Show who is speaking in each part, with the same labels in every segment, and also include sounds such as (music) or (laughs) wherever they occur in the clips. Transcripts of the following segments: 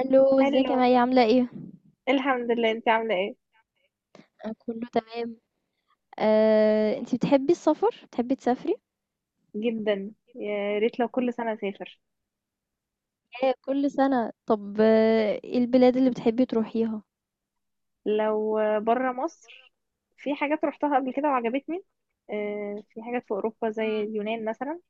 Speaker 1: الو ازيك
Speaker 2: هلو.
Speaker 1: يا مي عاملة ايه؟
Speaker 2: الحمد لله، انت عامله ايه؟
Speaker 1: أنا كله تمام. انتي بتحبي السفر؟ بتحبي تسافري؟
Speaker 2: جدا، يا ريت لو كل سنه اسافر.
Speaker 1: ايه كل سنة طب ايه البلاد اللي بتحبي تروحيها؟
Speaker 2: لو بره مصر في حاجات روحتها قبل كده وعجبتني. في حاجات في اوروبا زي
Speaker 1: مم.
Speaker 2: اليونان مثلا.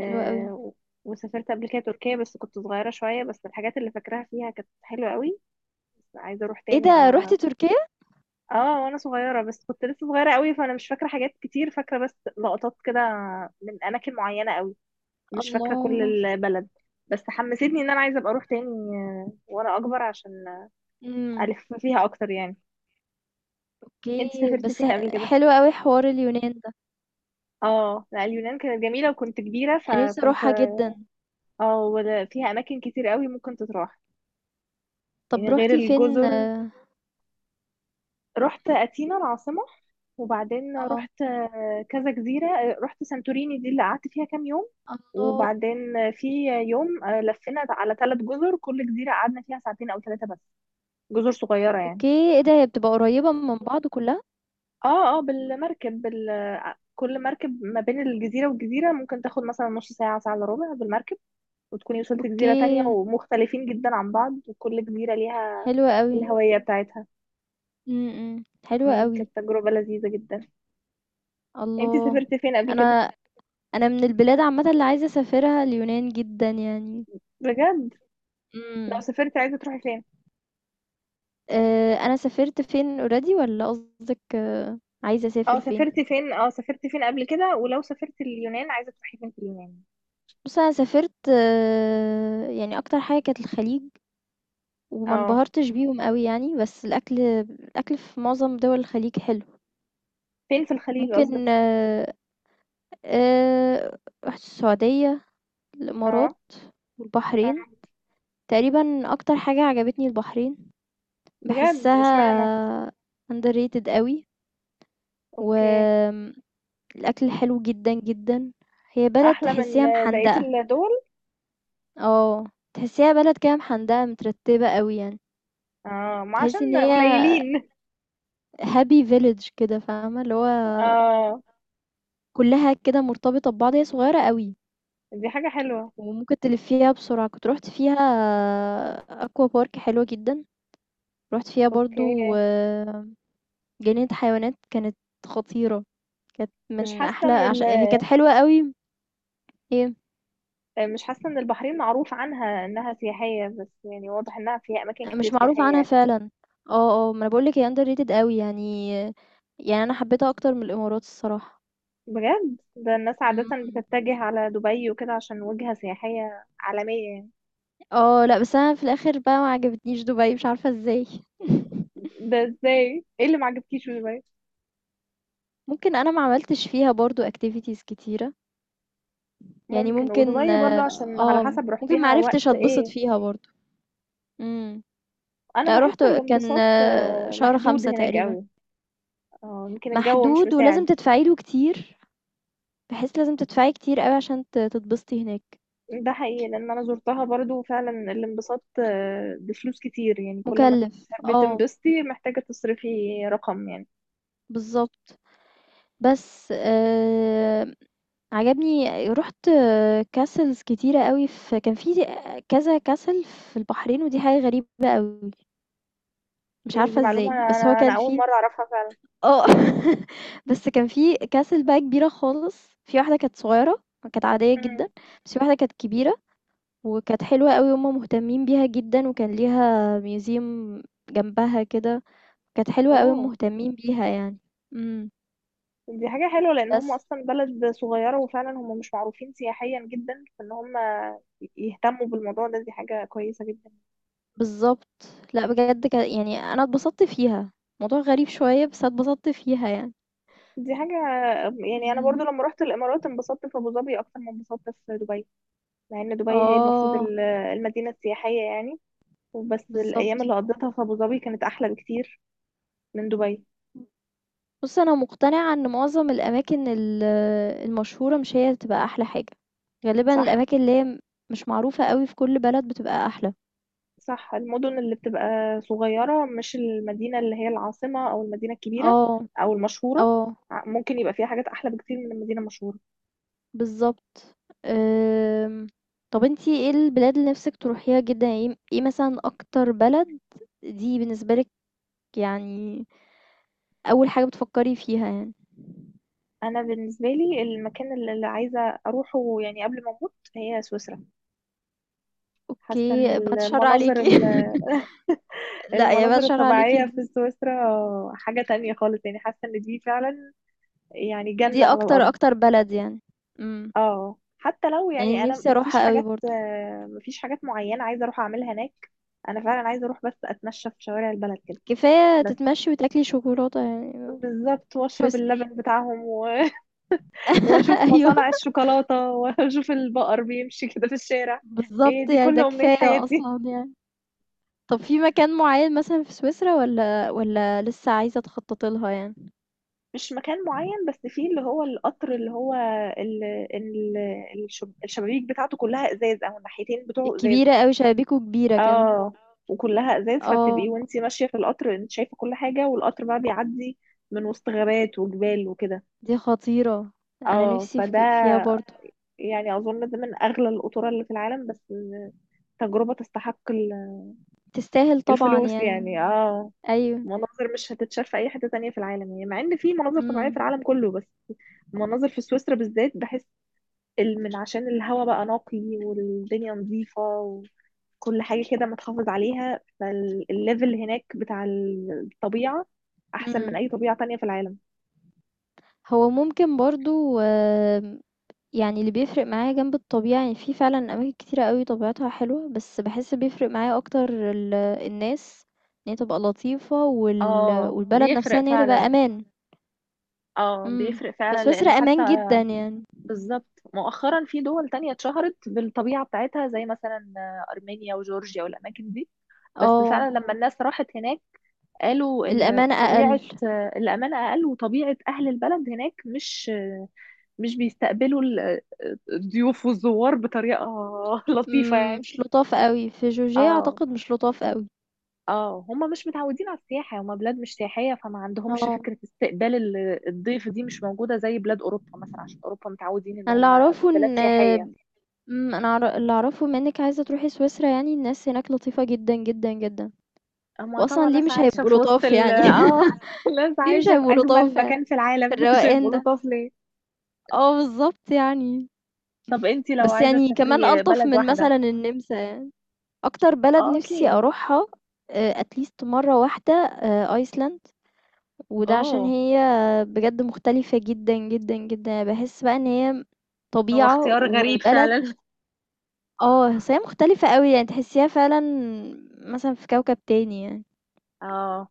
Speaker 1: حلوة قوي.
Speaker 2: و- وسافرت قبل كده تركيا بس كنت صغيره شويه، بس الحاجات اللي فاكراها فيها كانت حلوه قوي، بس عايزه اروح
Speaker 1: ايه
Speaker 2: تاني.
Speaker 1: ده
Speaker 2: اه,
Speaker 1: روحتي تركيا؟
Speaker 2: آه وانا صغيره، بس كنت لسه صغيره قوي فانا مش فاكره حاجات كتير، فاكره بس لقطات كده من اماكن معينه قوي، مش فاكرة كل
Speaker 1: الله.
Speaker 2: البلد. بس حمستني ان انا عايزة ابقى اروح تاني وانا اكبر عشان
Speaker 1: امم.
Speaker 2: الف فيها اكتر يعني. انت
Speaker 1: اوكي
Speaker 2: سافرتي
Speaker 1: بس
Speaker 2: فين قبل كده؟
Speaker 1: حلو قوي حوار اليونان ده.
Speaker 2: اه لا، اليونان كانت جميلة وكنت كبيرة
Speaker 1: انا نفسي
Speaker 2: فكنت
Speaker 1: اروحها جدا.
Speaker 2: اه فيها اماكن كتير قوي ممكن تتراح، يعني
Speaker 1: طب
Speaker 2: غير
Speaker 1: روحتي فين؟
Speaker 2: الجزر.
Speaker 1: اه.
Speaker 2: رحت اثينا العاصمة، وبعدين
Speaker 1: آه.
Speaker 2: رحت كذا جزيرة. رحت سانتوريني دي اللي قعدت فيها كام يوم،
Speaker 1: الله.
Speaker 2: وبعدين في يوم لفينا على ثلاث جزر، كل جزيرة قعدنا فيها ساعتين أو ثلاثة بس، جزر صغيرة يعني.
Speaker 1: اوكي، ايه ده، هي بتبقى قريبة من بعض كلها؟
Speaker 2: اه بالمركب، كل مركب ما بين الجزيرة والجزيرة ممكن تاخد مثلا نص ساعة، ساعة الا ربع بالمركب، وتكوني وصلت
Speaker 1: اوكي،
Speaker 2: جزيرة تانية ومختلفين جدا عن بعض، وكل جزيرة ليها
Speaker 1: حلوة قوي.
Speaker 2: الهوية بتاعتها.
Speaker 1: امم، حلوة
Speaker 2: مم،
Speaker 1: قوي.
Speaker 2: كانت تجربة لذيذة جدا. انتي
Speaker 1: الله.
Speaker 2: سافرتي فين قبل كده؟
Speaker 1: انا أنا من البلاد عامةً اللي عايزة أسافرها اليونان جدًا يعني.
Speaker 2: بجد. لو
Speaker 1: إمم.
Speaker 2: سافرتي عايزة تروحي فين؟
Speaker 1: أنا سافرت فين already والّا قصدِك عايزة
Speaker 2: اه،
Speaker 1: أسافر
Speaker 2: سافرتي
Speaker 1: فين؟
Speaker 2: فين؟ اه سافرتي فين قبل كده؟ ولو سافرتي اليونان عايزة تروحي فين في اليونان؟
Speaker 1: بُصّي أنا سافرت يعني أكتر حاجة كانت الخليج، وما
Speaker 2: اه،
Speaker 1: انبهرتش بيهم أوي يعني، بس الأكل الأكل في معظم دول الخليج حلو.
Speaker 2: فين في الخليج
Speaker 1: ممكن
Speaker 2: قصدك؟
Speaker 1: آآ رُحت السعودية، الإمارات
Speaker 2: اه.
Speaker 1: والبحرين.
Speaker 2: آه.
Speaker 1: تقريبًا أكتر حاجة عجبتني البحرين،
Speaker 2: بجد، اشمعنى؟
Speaker 1: باحسها underrated أوي
Speaker 2: اوكي.
Speaker 1: وآمم الأكل حلو جدًا، جدًا. هي بلد
Speaker 2: احلى من
Speaker 1: تحسّيها
Speaker 2: بقية
Speaker 1: محندقة،
Speaker 2: الدول.
Speaker 1: آه. تحسّيها بلد كده محندقة مترتّبة أوي يعني.
Speaker 2: اه، ما عشان
Speaker 1: تحسّي إن هي
Speaker 2: قليلين.
Speaker 1: happy village كده فاهمة، اللي هو
Speaker 2: اه،
Speaker 1: كُلّها كده مرتبطة ببعض، هي صغيّرة أوي
Speaker 2: دي حاجة حلوة.
Speaker 1: وممكن تلفّيها بسرعة. كنت رُحت فيها aqua park حلوة جدًا، رُحت فيها
Speaker 2: اوكي.
Speaker 1: برضه جنينة حيوانات كانت خطيرة، كانت
Speaker 2: مش
Speaker 1: من
Speaker 2: حاسة
Speaker 1: أحلى
Speaker 2: ان ال...
Speaker 1: عش هي كانت حلوة أوي. هي
Speaker 2: مش حاسة ان البحرين معروف عنها انها سياحية، بس يعني واضح انها فيها اماكن كتير
Speaker 1: مش معروف
Speaker 2: سياحية
Speaker 1: عنها
Speaker 2: يعني.
Speaker 1: فعلًا. آه، آه، ما أنا باقول لِك هي underrated أوي يعني، يعني أنا حبيتها أكتر من الإمارات الصراحة.
Speaker 2: بجد؟ ده الناس عادة
Speaker 1: إمم.
Speaker 2: بتتجه على دبي وكده عشان وجهة سياحية عالمية يعني.
Speaker 1: لأ، بس أنا في الآخر بقى ما عجبتنيش دبي، مش عارفة إزاي. (laughs)
Speaker 2: ده ازاي؟ ايه اللي معجبكيش في دبي؟
Speaker 1: ممكن أنا ما عملتش فيها برضه activities كتيرة، يعني
Speaker 2: ممكن.
Speaker 1: ممكن
Speaker 2: ودبي برضو عشان على حسب
Speaker 1: ممكن ما
Speaker 2: رحتيها
Speaker 1: عرفتش
Speaker 2: وقت
Speaker 1: أتبسط
Speaker 2: ايه.
Speaker 1: فيها برضه. إمم.
Speaker 2: انا
Speaker 1: لأ، رُحت
Speaker 2: بحس
Speaker 1: كان
Speaker 2: الانبساط
Speaker 1: شهر
Speaker 2: محدود
Speaker 1: 5
Speaker 2: هناك
Speaker 1: تقريبًا،
Speaker 2: قوي. اه، يمكن الجو مش
Speaker 1: محدود ولازم
Speaker 2: مساعد.
Speaker 1: تدفعي له كتير، بحيث لازم تدفعي كتير أوي عشان ت تتبسطي هناك،
Speaker 2: ده حقيقي، لان انا زرتها برضو فعلا، الانبساط بفلوس كتير يعني، كل ما
Speaker 1: مُكلّف.
Speaker 2: تحبي
Speaker 1: آه،
Speaker 2: تنبسطي محتاجة تصرفي رقم يعني.
Speaker 1: بالضبط. بس عجبني رُحت castles كتيرة أوي، في كان في كذا castle في البحرين ودي حاجة غريبة أوي، مش
Speaker 2: يعني دي
Speaker 1: عارفة
Speaker 2: معلومة،
Speaker 1: إزاي،
Speaker 2: انا
Speaker 1: بس هو
Speaker 2: انا أنا
Speaker 1: كان
Speaker 2: اول
Speaker 1: في
Speaker 2: مرة اعرفها فعلا.
Speaker 1: آه، (laughs) بس كان في castle بقى كبيرة خالص، في واحدة كانت صغيرة كانت عادية
Speaker 2: امم.
Speaker 1: جدًا، بس في واحدة كانت كبيرة وكانت حلوة أوي وهُم مهتمين بيها جدًا وكان ليها museum جنبها كده، كانت حلوة أوي
Speaker 2: اوه.
Speaker 1: مهتمين بيها يعني. إمم.
Speaker 2: دي حاجة حلوة لان هم
Speaker 1: بس.
Speaker 2: اصلا بلد صغيرة، وفعلا هم مش معروفين سياحيا جدا، فان هم يهتموا بالموضوع ده دي حاجة كويسة جدا.
Speaker 1: بالضبط. لأ بجد ك يعني أنا اتبسطت فيها، موضوع غريب شوية بس اتبسطت فيها يعني.
Speaker 2: دي حاجة يعني، انا
Speaker 1: إمم.
Speaker 2: برضو لما رحت الامارات انبسطت في ابو ظبي اكتر ما انبسطت في دبي، مع ان دبي هي المفروض
Speaker 1: آه،
Speaker 2: المدينة السياحية يعني. وبس الأيام
Speaker 1: بالضبط.
Speaker 2: اللي قضيتها في أبو ظبي كانت أحلى بكتير من دبي.
Speaker 1: بُص أنا مقتنعة إن معظم الأماكن ال المشهورة مش هي اللي بتبقى أحلى حاجة، غالبًا
Speaker 2: صح.
Speaker 1: الأماكن اللي هي مش معروفة أوي في كل بلد بتبقى أحلى.
Speaker 2: صح، المدن اللي بتبقى صغيرة مش المدينة اللي هي العاصمة أو المدينة الكبيرة
Speaker 1: آه،
Speaker 2: أو المشهورة،
Speaker 1: آه،
Speaker 2: ممكن يبقى فيها حاجات أحلى بكتير من المدينة المشهورة.
Speaker 1: بالضبط. آمم، طب أنتِ إيه البلاد اللي نِفْسِك تروحيها جدًا؟ يعني إيه إيه مثلًا أكتر بلد دي بالنسبة لِك، يعني أول حاجة بتفكّري فيها يعني؟
Speaker 2: أنا بالنسبة لي المكان اللي عايزة أروحه يعني قبل ما أموت هي سويسرا. حاسة إن
Speaker 1: أوكي، باتشّر عليكِ.
Speaker 2: المناظر ال-
Speaker 1: (laughs) لأ، يا
Speaker 2: المناظر
Speaker 1: باتشّر عليكِ
Speaker 2: الطبيعية في
Speaker 1: دي
Speaker 2: سويسرا حاجة تانية خالص يعني، حاسة إن دي فعلا يعني جنة
Speaker 1: دي
Speaker 2: على
Speaker 1: أكتر،
Speaker 2: الأرض.
Speaker 1: أكتر بلد يعني. إمم.
Speaker 2: اه، حتى لو يعني
Speaker 1: يعني
Speaker 2: انا
Speaker 1: نِفْسي
Speaker 2: مفيش
Speaker 1: أروحها أوي
Speaker 2: حاجات،
Speaker 1: برضه.
Speaker 2: مفيش حاجات معينه عايزه اروح اعملها هناك. انا فعلا عايزه اروح بس اتمشى في شوارع البلد كده.
Speaker 1: كفاية
Speaker 2: بس
Speaker 1: تتمشّي وتاكلي شوكولاتة يعني.
Speaker 2: بالظبط، واشرب
Speaker 1: سويسرا.
Speaker 2: اللبن بتاعهم و... (laughs) واشوف
Speaker 1: (laughs) أيوه،
Speaker 2: مصانع الشوكولاته، (laughs) واشوف البقر بيمشي كده في الشارع. هي
Speaker 1: بالضبط،
Speaker 2: دي
Speaker 1: يعني
Speaker 2: كل
Speaker 1: ده
Speaker 2: امنيه
Speaker 1: كفاية
Speaker 2: حياتي.
Speaker 1: أصلًا يعني. طَب في مكان معيّن مثلًا في سويسرا والّا لسه عايزة تخطّطي لها يعني؟
Speaker 2: مش مكان معين، بس فيه اللي هو القطر اللي هو ال... ال... الشبابيك بتاعته كلها ازاز، او الناحيتين بتوعه ازاز.
Speaker 1: الكبيرة أوي، شبابيكو كبيرة كده.
Speaker 2: اه، وكلها ازاز، فبتبقي
Speaker 1: آه،
Speaker 2: وانتي ماشيه في القطر انت شايفه كل حاجه، والقطر بقى بيعدي من وسط غابات وجبال وكده.
Speaker 1: دي خطيرة. أنا
Speaker 2: اه،
Speaker 1: نِفْسي في
Speaker 2: فده
Speaker 1: ك فيها برضه.
Speaker 2: يعني اظن ده من اغلى القطورة اللي في العالم، بس تجربه تستحق
Speaker 1: تستاهل طبعًا
Speaker 2: الفلوس
Speaker 1: يعني.
Speaker 2: يعني. اه،
Speaker 1: أيوه.
Speaker 2: مناظر مش هتتشاف في اي حته تانية في العالم يعني، مع ان في مناظر طبيعيه في
Speaker 1: إمم،
Speaker 2: العالم كله، بس مناظر في سويسرا بالذات، بحس ال- من عشان الهواء بقى نقي، والدنيا نظيفه، كل حاجة كده متحافظ عليها، فالليفل هناك بتاع الطبيعة أحسن من
Speaker 1: إمم.
Speaker 2: أي طبيعة تانية في العالم.
Speaker 1: هو ممكن برضه آمم، يعني اللي بيفرق معايا جنب الطبيعة يعني، في فعلًا أماكن كتيرة أوي طبيعتها حلوة، بس باحس بيفرق معايا أكتر ال الناس، إن هي تبقى لطيفة
Speaker 2: اه
Speaker 1: والبلد آه. نفسها
Speaker 2: بيفرق
Speaker 1: إن هي تبقى
Speaker 2: فعلا.
Speaker 1: أمان،
Speaker 2: اه
Speaker 1: إمم، آه.
Speaker 2: بيفرق فعلا،
Speaker 1: فسويسرا
Speaker 2: لان
Speaker 1: أمان
Speaker 2: حتى
Speaker 1: جدًا يعني.
Speaker 2: بالظبط مؤخرا في دول تانية اتشهرت بالطبيعة بتاعتها زي مثلا أرمينيا وجورجيا والأماكن دي، بس
Speaker 1: آه،
Speaker 2: فعلا لما الناس راحت هناك قالوا إن
Speaker 1: الأمانة
Speaker 2: طبيعة
Speaker 1: أقل،
Speaker 2: الأمان أقل، وطبيعة أهل البلد هناك مش مش بيستقبلوا الضيوف والزوار بطريقة (laughs) لطيفة
Speaker 1: إمم،
Speaker 2: يعني.
Speaker 1: مش لطاف أوي، في جورجيا
Speaker 2: اه.
Speaker 1: أعتقد مش لطاف أوي.
Speaker 2: اه هم مش متعودين على السياحة، هم بلاد مش سياحية، فما عندهمش
Speaker 1: آه،
Speaker 2: فكرة استقبال الضيف دي مش موجودة زي بلاد أوروبا مثلا، عشان أوروبا متعودين إن
Speaker 1: أنا اللي
Speaker 2: هم
Speaker 1: أعرفه
Speaker 2: بلاد
Speaker 1: إن
Speaker 2: سياحية.
Speaker 1: أنا اللي أعرفه بما إنِك عايزة تروحي سويسرا، يعني الناس هناك لطيفة جدًا، جدًا، جدًا.
Speaker 2: هم
Speaker 1: وأصلًا
Speaker 2: طبعا
Speaker 1: ليه
Speaker 2: ناس
Speaker 1: مش
Speaker 2: عايشة
Speaker 1: هيبقوا
Speaker 2: في وسط
Speaker 1: لطاف
Speaker 2: ال
Speaker 1: يعني.
Speaker 2: اه (laughs)
Speaker 1: (laughs)
Speaker 2: ناس
Speaker 1: ليه مش
Speaker 2: عايشة في
Speaker 1: هيبقوا
Speaker 2: أجمل
Speaker 1: لطاف يعني
Speaker 2: مكان في
Speaker 1: في
Speaker 2: العالم، (laughs) مش
Speaker 1: الروقان
Speaker 2: هيبقوا
Speaker 1: ده؟
Speaker 2: لطاف ليه؟
Speaker 1: آه، بالضبط يعني،
Speaker 2: طب انتي لو
Speaker 1: بس
Speaker 2: عايزة
Speaker 1: يعني كمان
Speaker 2: تسافري
Speaker 1: ألطف
Speaker 2: بلد
Speaker 1: من
Speaker 2: واحدة؟
Speaker 1: مثلًا النمسا يعني. أكتر بلد
Speaker 2: اه
Speaker 1: نِفْسي
Speaker 2: أكيد.
Speaker 1: أروحها at least مرّة واحدة أيسلند، وده عشان
Speaker 2: اه،
Speaker 1: هي بجد مختلفة جدًا، جدًا، جدًا، يعني باحس بقى إن هي
Speaker 2: هو
Speaker 1: طبيعة
Speaker 2: اختيار غريب
Speaker 1: وبلد
Speaker 2: فعلا.
Speaker 1: بس هي مختلفة أوي، يعني تحسيها فعلًا مثلًا في كوكب تاني يعني،
Speaker 2: (laughs) اه،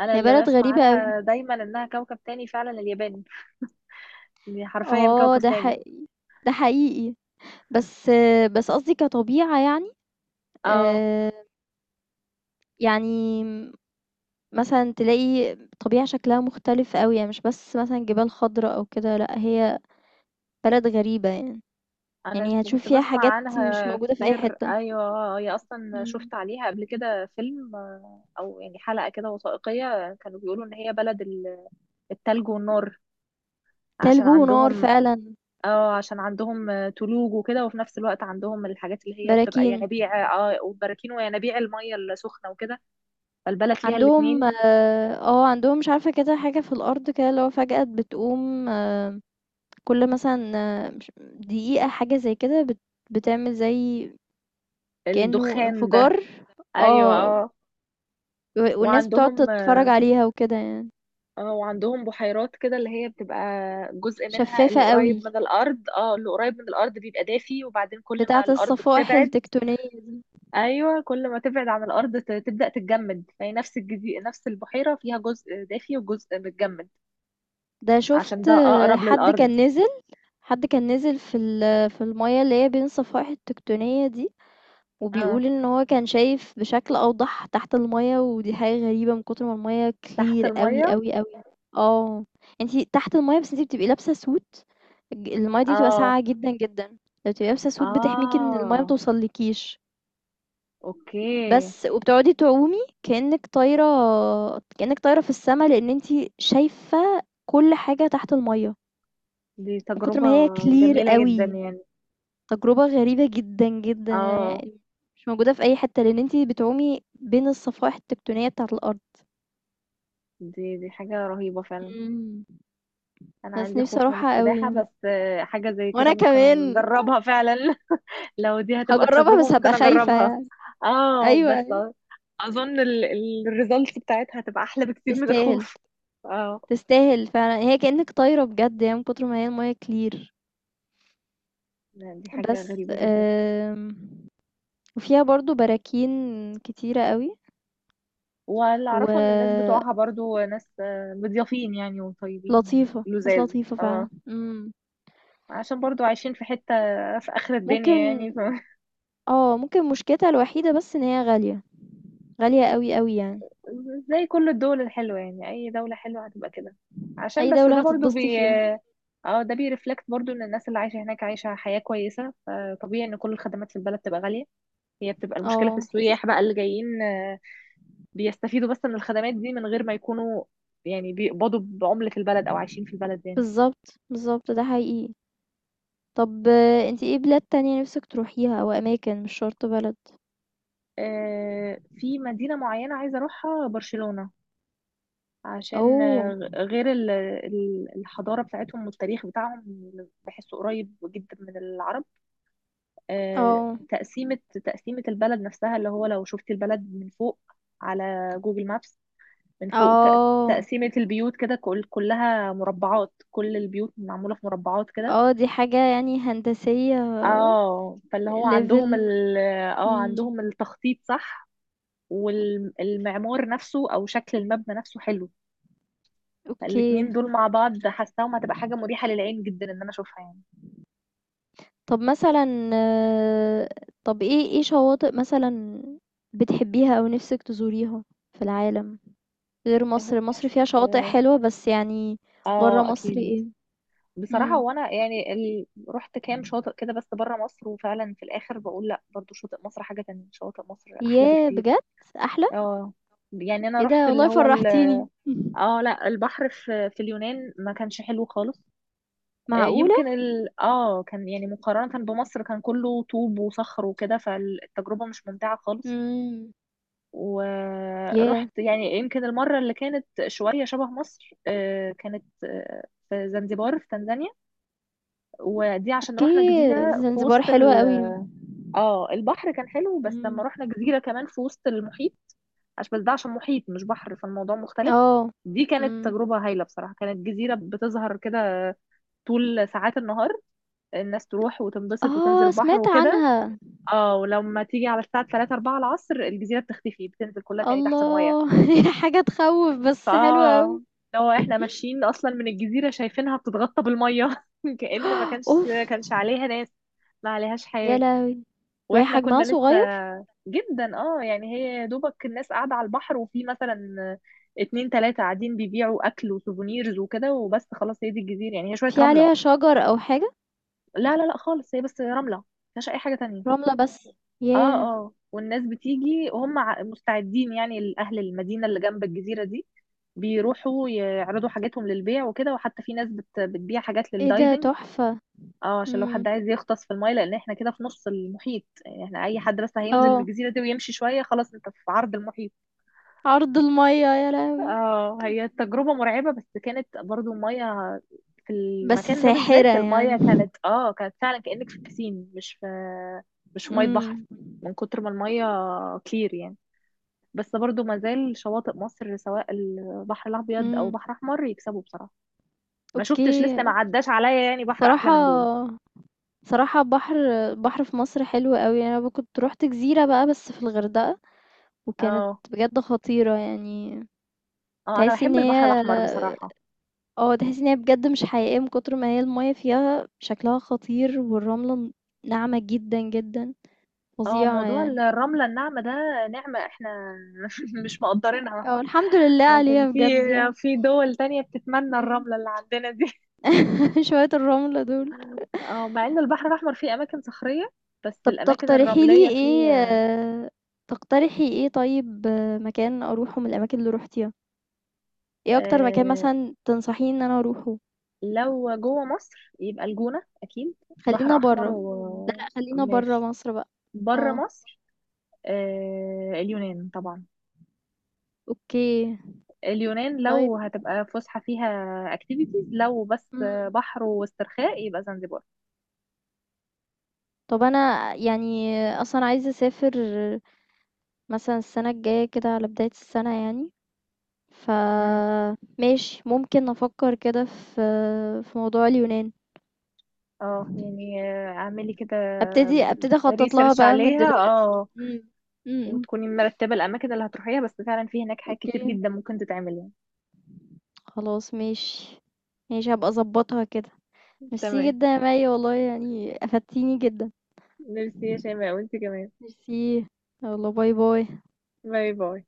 Speaker 2: أنا
Speaker 1: هي
Speaker 2: اللي
Speaker 1: بلد
Speaker 2: بسمع
Speaker 1: غريبة أوي.
Speaker 2: عنها دايما إنها كوكب تاني فعلا، اليابان، دي حرفيا
Speaker 1: آه
Speaker 2: كوكب
Speaker 1: ده
Speaker 2: تاني.
Speaker 1: حقيقي، ده حقيقي. بس بس قصدي كطبيعة يعني.
Speaker 2: اه،
Speaker 1: آآ، يعني مثلًا تلاقي طبيعة شكلها مختلف أوي، يعني مش بس مثلًا جبال خضرا أو كده، لأ هي بلد غريبة يعني، يعني هتشوف
Speaker 2: كنت
Speaker 1: فيها
Speaker 2: بسمع
Speaker 1: حاجات مش
Speaker 2: عنها
Speaker 1: موجودة في أي
Speaker 2: كتير،
Speaker 1: حتة.
Speaker 2: ايوه هي اصلا
Speaker 1: إمم،
Speaker 2: شفت عليها قبل كده فيلم، او يعني حلقة كده وثائقية، كانوا بيقولوا ان هي بلد التلج والنار،
Speaker 1: تلج
Speaker 2: عشان
Speaker 1: ونار
Speaker 2: عندهم
Speaker 1: فعلًا،
Speaker 2: اه، عشان عندهم تلوج وكده، وفي نفس الوقت عندهم الحاجات اللي هي بتبقى
Speaker 1: براكين،
Speaker 2: ينابيع اه، وبراكين وينابيع المية السخنة وكده، فالبلد فيها
Speaker 1: عندهم
Speaker 2: الاتنين.
Speaker 1: آه، آه، عندهم مش عارفة كده حاجة في الأرض كده اللي هو فجأة بتقوم كل مثلًا مش دقيقة حاجة زي كده بتعمل زي كأنه
Speaker 2: الدخان ده.
Speaker 1: انفجار.
Speaker 2: ايوه
Speaker 1: آه،
Speaker 2: اه.
Speaker 1: و والناس بتقعد
Speaker 2: وعندهم
Speaker 1: تتفرج عليها وكده يعني،
Speaker 2: اه، وعندهم بحيرات كده اللي هي بتبقى جزء منها
Speaker 1: شفافة
Speaker 2: اللي قريب
Speaker 1: أوي،
Speaker 2: من الارض، اه اللي قريب من الارض بيبقى دافي، وبعدين كل ما
Speaker 1: بتاعة
Speaker 2: الارض
Speaker 1: الصفائح
Speaker 2: بتبعد.
Speaker 1: التكتونية دي،
Speaker 2: ايوه، كل ما تبعد عن الارض تبدأ تتجمد، فهي نفس نفس البحيرة فيها جزء دافي وجزء متجمد
Speaker 1: ده
Speaker 2: عشان
Speaker 1: شُفت
Speaker 2: ده اقرب
Speaker 1: حد
Speaker 2: للارض.
Speaker 1: كان نزل حد كان نزل في في المَيَّة اللي هي بين الصفائح التكتونية دي،
Speaker 2: اه.
Speaker 1: وبيقول إن هو كان شايف بشكل أوضح تحت المَيَّة، ودي حاجة غريبة من كتر ما المَيَّة
Speaker 2: تحت
Speaker 1: clear أوي،
Speaker 2: المية.
Speaker 1: أوي، أوي. آه، أنتِ تحت المَيَّة بس أنتِ بتبقي لابسة suit. ج المَيَّة دي بتبقى
Speaker 2: اه.
Speaker 1: ساقعة جدًا، جدًا، فبتبقي لابسة suit بتحميكِ إن المَيَّة ما
Speaker 2: اه.
Speaker 1: توصلكيش.
Speaker 2: اوكي.
Speaker 1: بس وبتقعدي تعومي كأنك طايرة، كأنك طايرة في السماء، لأن انتي شايفة كل حاجة تحت المية
Speaker 2: دي
Speaker 1: من كتر
Speaker 2: تجربة
Speaker 1: ما هي كلير
Speaker 2: جميلة جدا
Speaker 1: قوي.
Speaker 2: يعني.
Speaker 1: تجربة غريبة جدا جدا
Speaker 2: اه.
Speaker 1: يعني، مش موجودة في أي حتة لأن انتي بتعومي بين الصفائح التكتونية بتاعة الأرض.
Speaker 2: دي دي حاجة رهيبة فعلا.
Speaker 1: مم.
Speaker 2: انا
Speaker 1: بس
Speaker 2: عندي
Speaker 1: نفسي
Speaker 2: خوف من
Speaker 1: أروحها قوي
Speaker 2: السباحة،
Speaker 1: يعني.
Speaker 2: بس حاجة زي كده
Speaker 1: وأنا
Speaker 2: ممكن
Speaker 1: كمان
Speaker 2: اجربها فعلا. (laughs) لو دي هتبقى
Speaker 1: هجربها
Speaker 2: التجربة
Speaker 1: بس هبقى
Speaker 2: ممكن
Speaker 1: خايفة
Speaker 2: اجربها.
Speaker 1: يعني.
Speaker 2: اه
Speaker 1: أيوة،
Speaker 2: بس
Speaker 1: أيوة.
Speaker 2: اظن الريزلتس بتاعتها هتبقى احلى بكتير من
Speaker 1: تستاهل،
Speaker 2: الخوف. اه.
Speaker 1: تستاهل فعلا، هي كأنك طايرة بجد يعني من كتر ما هي المية كلير.
Speaker 2: لا، دي حاجة
Speaker 1: بس
Speaker 2: غريبة جدا.
Speaker 1: وفيها برضو براكين كتيرة قوي
Speaker 2: واللي اعرفه ان الناس
Speaker 1: ولطيفة.
Speaker 2: بتوعها برضو ناس مضيافين يعني وطيبين
Speaker 1: ناس
Speaker 2: لزاز.
Speaker 1: لطيفة
Speaker 2: اه،
Speaker 1: فعلا. امم.
Speaker 2: عشان برضو عايشين في حتة في اخر الدنيا يعني.
Speaker 1: ممكن.
Speaker 2: (laughs)
Speaker 1: اه ممكن مشكلتها الوحيدة بس ان هي غالية، غالية قوي قوي يعني.
Speaker 2: زي كل الدول الحلوة يعني، أي دولة حلوة هتبقى كده، عشان
Speaker 1: اي
Speaker 2: بس
Speaker 1: دولة
Speaker 2: ده برضو
Speaker 1: هتتبسطي فيها.
Speaker 2: اه، ده بيرفلكت برضو ان الناس اللي عايشة هناك عايشة حياة كويسة، فطبيعي ان كل الخدمات في البلد تبقى غالية. هي بتبقى المشكلة في
Speaker 1: اه،
Speaker 2: السياح بقى اللي جايين بيستفيدوا بس من الخدمات دي من غير ما يكونوا يعني بيقبضوا بعملة البلد او عايشين في البلد يعني.
Speaker 1: بالظبط، بالظبط، ده حقيقي. طب انتي ايه بلاد تانية نفسك تروحيها او اماكن مش شرط بلد؟
Speaker 2: في مدينة معينة عايزة اروحها، برشلونة. عشان
Speaker 1: اوه.
Speaker 2: آه، غير ال- ال- الحضارة بتاعتهم والتاريخ بتاعهم بحسه قريب جدا من العرب. آه،
Speaker 1: اه.
Speaker 2: تقسيمة تقسيمة البلد نفسها اللي هو لو شفت البلد من فوق، على جوجل مابس، من فوق تق-
Speaker 1: اه.
Speaker 2: تقسيمة البيوت كده، كل كلها مربعات، كل البيوت معمولة في مربعات كده.
Speaker 1: اه، دي حاجة يعني هندسية.
Speaker 2: اه، فاللي هو عندهم
Speaker 1: ليفل.
Speaker 2: ال اه عندهم التخطيط صح، والمعمار نفسه او شكل المبنى نفسه حلو، فالاتنين
Speaker 1: اوكي.
Speaker 2: دول مع بعض حاساهم هتبقى حاجة مريحة للعين جدا ان انا اشوفها يعني.
Speaker 1: طب مثلا آه، طب ايه شواطئ مثلا بتحبيها او نفسك تزوريها في العالم غير
Speaker 2: هو
Speaker 1: مصر. مصر
Speaker 2: مش
Speaker 1: فيها شواطئ حلوة بس يعني. برا
Speaker 2: اه
Speaker 1: مصر
Speaker 2: اكيد.
Speaker 1: ايه؟
Speaker 2: بصراحة
Speaker 1: امم.
Speaker 2: وانا يعني رحت كام شاطئ كده بس بره مصر، وفعلا في الاخر بقول لا برضو شاطئ مصر حاجة تانية، شاطئ مصر احلى
Speaker 1: ياه،
Speaker 2: بكتير.
Speaker 1: بجد، احلى؟
Speaker 2: اه، يعني انا
Speaker 1: ايه
Speaker 2: رحت
Speaker 1: ده،
Speaker 2: اللي
Speaker 1: والله
Speaker 2: هو
Speaker 1: فرحتيني. (laughs)
Speaker 2: اه لا، البحر في في اليونان ما كانش حلو خالص،
Speaker 1: معقولة؟
Speaker 2: اه كان يعني مقارنة بمصر كان كله طوب وصخر وكده، فالتجربة مش ممتعة خالص.
Speaker 1: امم. ياه.
Speaker 2: ورحت يعني يمكن المرة اللي كانت شوية شبه مصر كانت في زنزبار في تنزانيا، ودي عشان رحنا
Speaker 1: اوكي،
Speaker 2: جزيرة في
Speaker 1: زنزبار
Speaker 2: وسط
Speaker 1: حلوة
Speaker 2: ال
Speaker 1: قوي.
Speaker 2: اه البحر كان حلو، بس لما
Speaker 1: امم.
Speaker 2: رحنا جزيرة كمان في وسط المحيط، عشان بس ده عشان محيط مش بحر فالموضوع مختلف.
Speaker 1: اه.
Speaker 2: دي كانت
Speaker 1: امم.
Speaker 2: تجربة هايلة بصراحة، كانت جزيرة بتظهر كده طول ساعات النهار، الناس تروح وتنبسط وتنزل
Speaker 1: اه
Speaker 2: البحر
Speaker 1: سمعت
Speaker 2: وكده،
Speaker 1: عنها.
Speaker 2: اه ولما تيجي على الساعة 3 4 العصر الجزيرة بتختفي، بتنزل كلها تاني تحت المية.
Speaker 1: الله. (laughs) حاجة تخوف بس حلوة قوي.
Speaker 2: فاه لو احنا ماشيين اصلا من الجزيرة شايفينها بتتغطى بالمية، (laughs) كأن ما
Speaker 1: (gasps)
Speaker 2: كانش
Speaker 1: اوف.
Speaker 2: كانش عليها ناس، ما عليهاش
Speaker 1: يا
Speaker 2: حياة.
Speaker 1: لهوي. وهي
Speaker 2: واحنا
Speaker 1: حجمها
Speaker 2: كنا لسه
Speaker 1: صغير؟
Speaker 2: جدا، اه يعني هي يا دوبك الناس قاعدة على البحر، وفي مثلا اتنين تلاتة قاعدين بيبيعوا أكل وسوفونيرز وكده، وبس خلاص هي دي الجزيرة يعني، هي شوية
Speaker 1: في
Speaker 2: رملة.
Speaker 1: عليها شجر او حاجة؟
Speaker 2: لا لا لا خالص، هي بس رملة، مفيهاش أي حاجة تانية.
Speaker 1: رملة بس؟
Speaker 2: اه.
Speaker 1: ياه.
Speaker 2: اه والناس بتيجي وهم مستعدين يعني، الأهل المدينة اللي جنب الجزيرة دي بيروحوا يعرضوا حاجاتهم للبيع وكده، وحتى في ناس بتبيع حاجات
Speaker 1: ايه ده
Speaker 2: للدايفنج.
Speaker 1: تحفة.
Speaker 2: اه عشان لو حد
Speaker 1: امم.
Speaker 2: عايز يغطس في المايه، لان احنا كده في نص المحيط يعني، احنا اي حد بس هينزل من
Speaker 1: اه.
Speaker 2: الجزيره دي ويمشي شويه خلاص انت في عرض المحيط.
Speaker 1: عرض المية، يا لهوي.
Speaker 2: اه هي تجربة مرعبة، بس كانت برضو المية في
Speaker 1: بس
Speaker 2: المكان ده
Speaker 1: ساحرة
Speaker 2: بالذات المية
Speaker 1: يعني.
Speaker 2: كانت اه، كانت فعلا كأنك في بسين، مش في مش في مية بحر،
Speaker 1: امم.
Speaker 2: من كتر ما المية كلير يعني. بس برضو ما زال شواطئ مصر سواء البحر الأبيض أو
Speaker 1: امم.
Speaker 2: بحر أحمر يكسبوا بصراحة. ما
Speaker 1: اوكي.
Speaker 2: شفتش لسه، ما عداش عليا يعني بحر أحلى
Speaker 1: صراحة.
Speaker 2: من دول.
Speaker 1: صراحة بحر. بحر في مصر حلو قوي يعني. انا كنت روحت جزيرة بقى بس في الغردقة وكانت
Speaker 2: اه.
Speaker 1: بجد خطيرة يعني.
Speaker 2: اه أنا
Speaker 1: تحسي ان
Speaker 2: بحب البحر
Speaker 1: هي
Speaker 2: الأحمر بصراحة.
Speaker 1: آه، تحسّي إن هي بجد مش حقيقية من كتر ما هي المَيّة فيها شكلها خطير، والرملة ناعمة جدًا، جدًا،
Speaker 2: اه،
Speaker 1: فظيعة
Speaker 2: موضوع
Speaker 1: يعني.
Speaker 2: الرملة الناعمة ده نعمة احنا (laughs) مش مقدرينها،
Speaker 1: آه، الحمد لله
Speaker 2: عشان
Speaker 1: عليها
Speaker 2: في
Speaker 1: بجد يعني.
Speaker 2: في دول تانية بتتمنى
Speaker 1: إمم.
Speaker 2: الرملة اللي عندنا دي.
Speaker 1: (laughs) شوية الرملة دول.
Speaker 2: اه مع ان البحر الأحمر فيه أماكن صخرية بس
Speaker 1: طَب
Speaker 2: الأماكن
Speaker 1: تقترحي لي
Speaker 2: الرملية
Speaker 1: إيه
Speaker 2: فيه.
Speaker 1: آه، تقترحي إيه طيب مكان أروحه من الأماكن اللي رُحتيها؟ إيه أكتر مكان
Speaker 2: آه،
Speaker 1: مثلًا تنصحيني إن أنا أروحه؟
Speaker 2: لو جوه مصر يبقى الجونة أكيد، بحر
Speaker 1: خلّينا
Speaker 2: أحمر
Speaker 1: برّه، لأ، لأ، خلّينا برّه
Speaker 2: وماشي.
Speaker 1: مصر بقى.
Speaker 2: بره
Speaker 1: آه،
Speaker 2: مصر آه اليونان طبعا،
Speaker 1: أوكي،
Speaker 2: اليونان
Speaker 1: طيب.
Speaker 2: لو هتبقى فسحة فيها اكتيفيتيز، لو بس
Speaker 1: إمم.
Speaker 2: بحر واسترخاء يبقى زنجبار.
Speaker 1: طَب أنا يعني أصلًا عايزة أسافر مثلًا السنة الجاية كده على بداية السنة يعني، فماشي ممكن أفكّر كده في في موضوع اليونان.
Speaker 2: اه يعني اعملي كده
Speaker 1: أبتدي أخطّط لها
Speaker 2: ريسيرش
Speaker 1: بقى من
Speaker 2: عليها،
Speaker 1: دلوقتي.
Speaker 2: اه
Speaker 1: إمم، إمم، إمم.
Speaker 2: وتكوني مرتبة الأماكن اللي هتروحيها، بس فعلا في هناك حاجات كتير
Speaker 1: أوكي،
Speaker 2: جدا ممكن تتعمل يعني.
Speaker 1: خلاص ماشي، ماشي هابقى أضبّطها كده. ميرسي
Speaker 2: تمام.
Speaker 1: جدًا يا مَي والله يعني أفدتيني جدًا،
Speaker 2: ميرسي يا شيماء، وانت كمان.
Speaker 1: ميرسي، يالّا باي، باي.
Speaker 2: باي باي.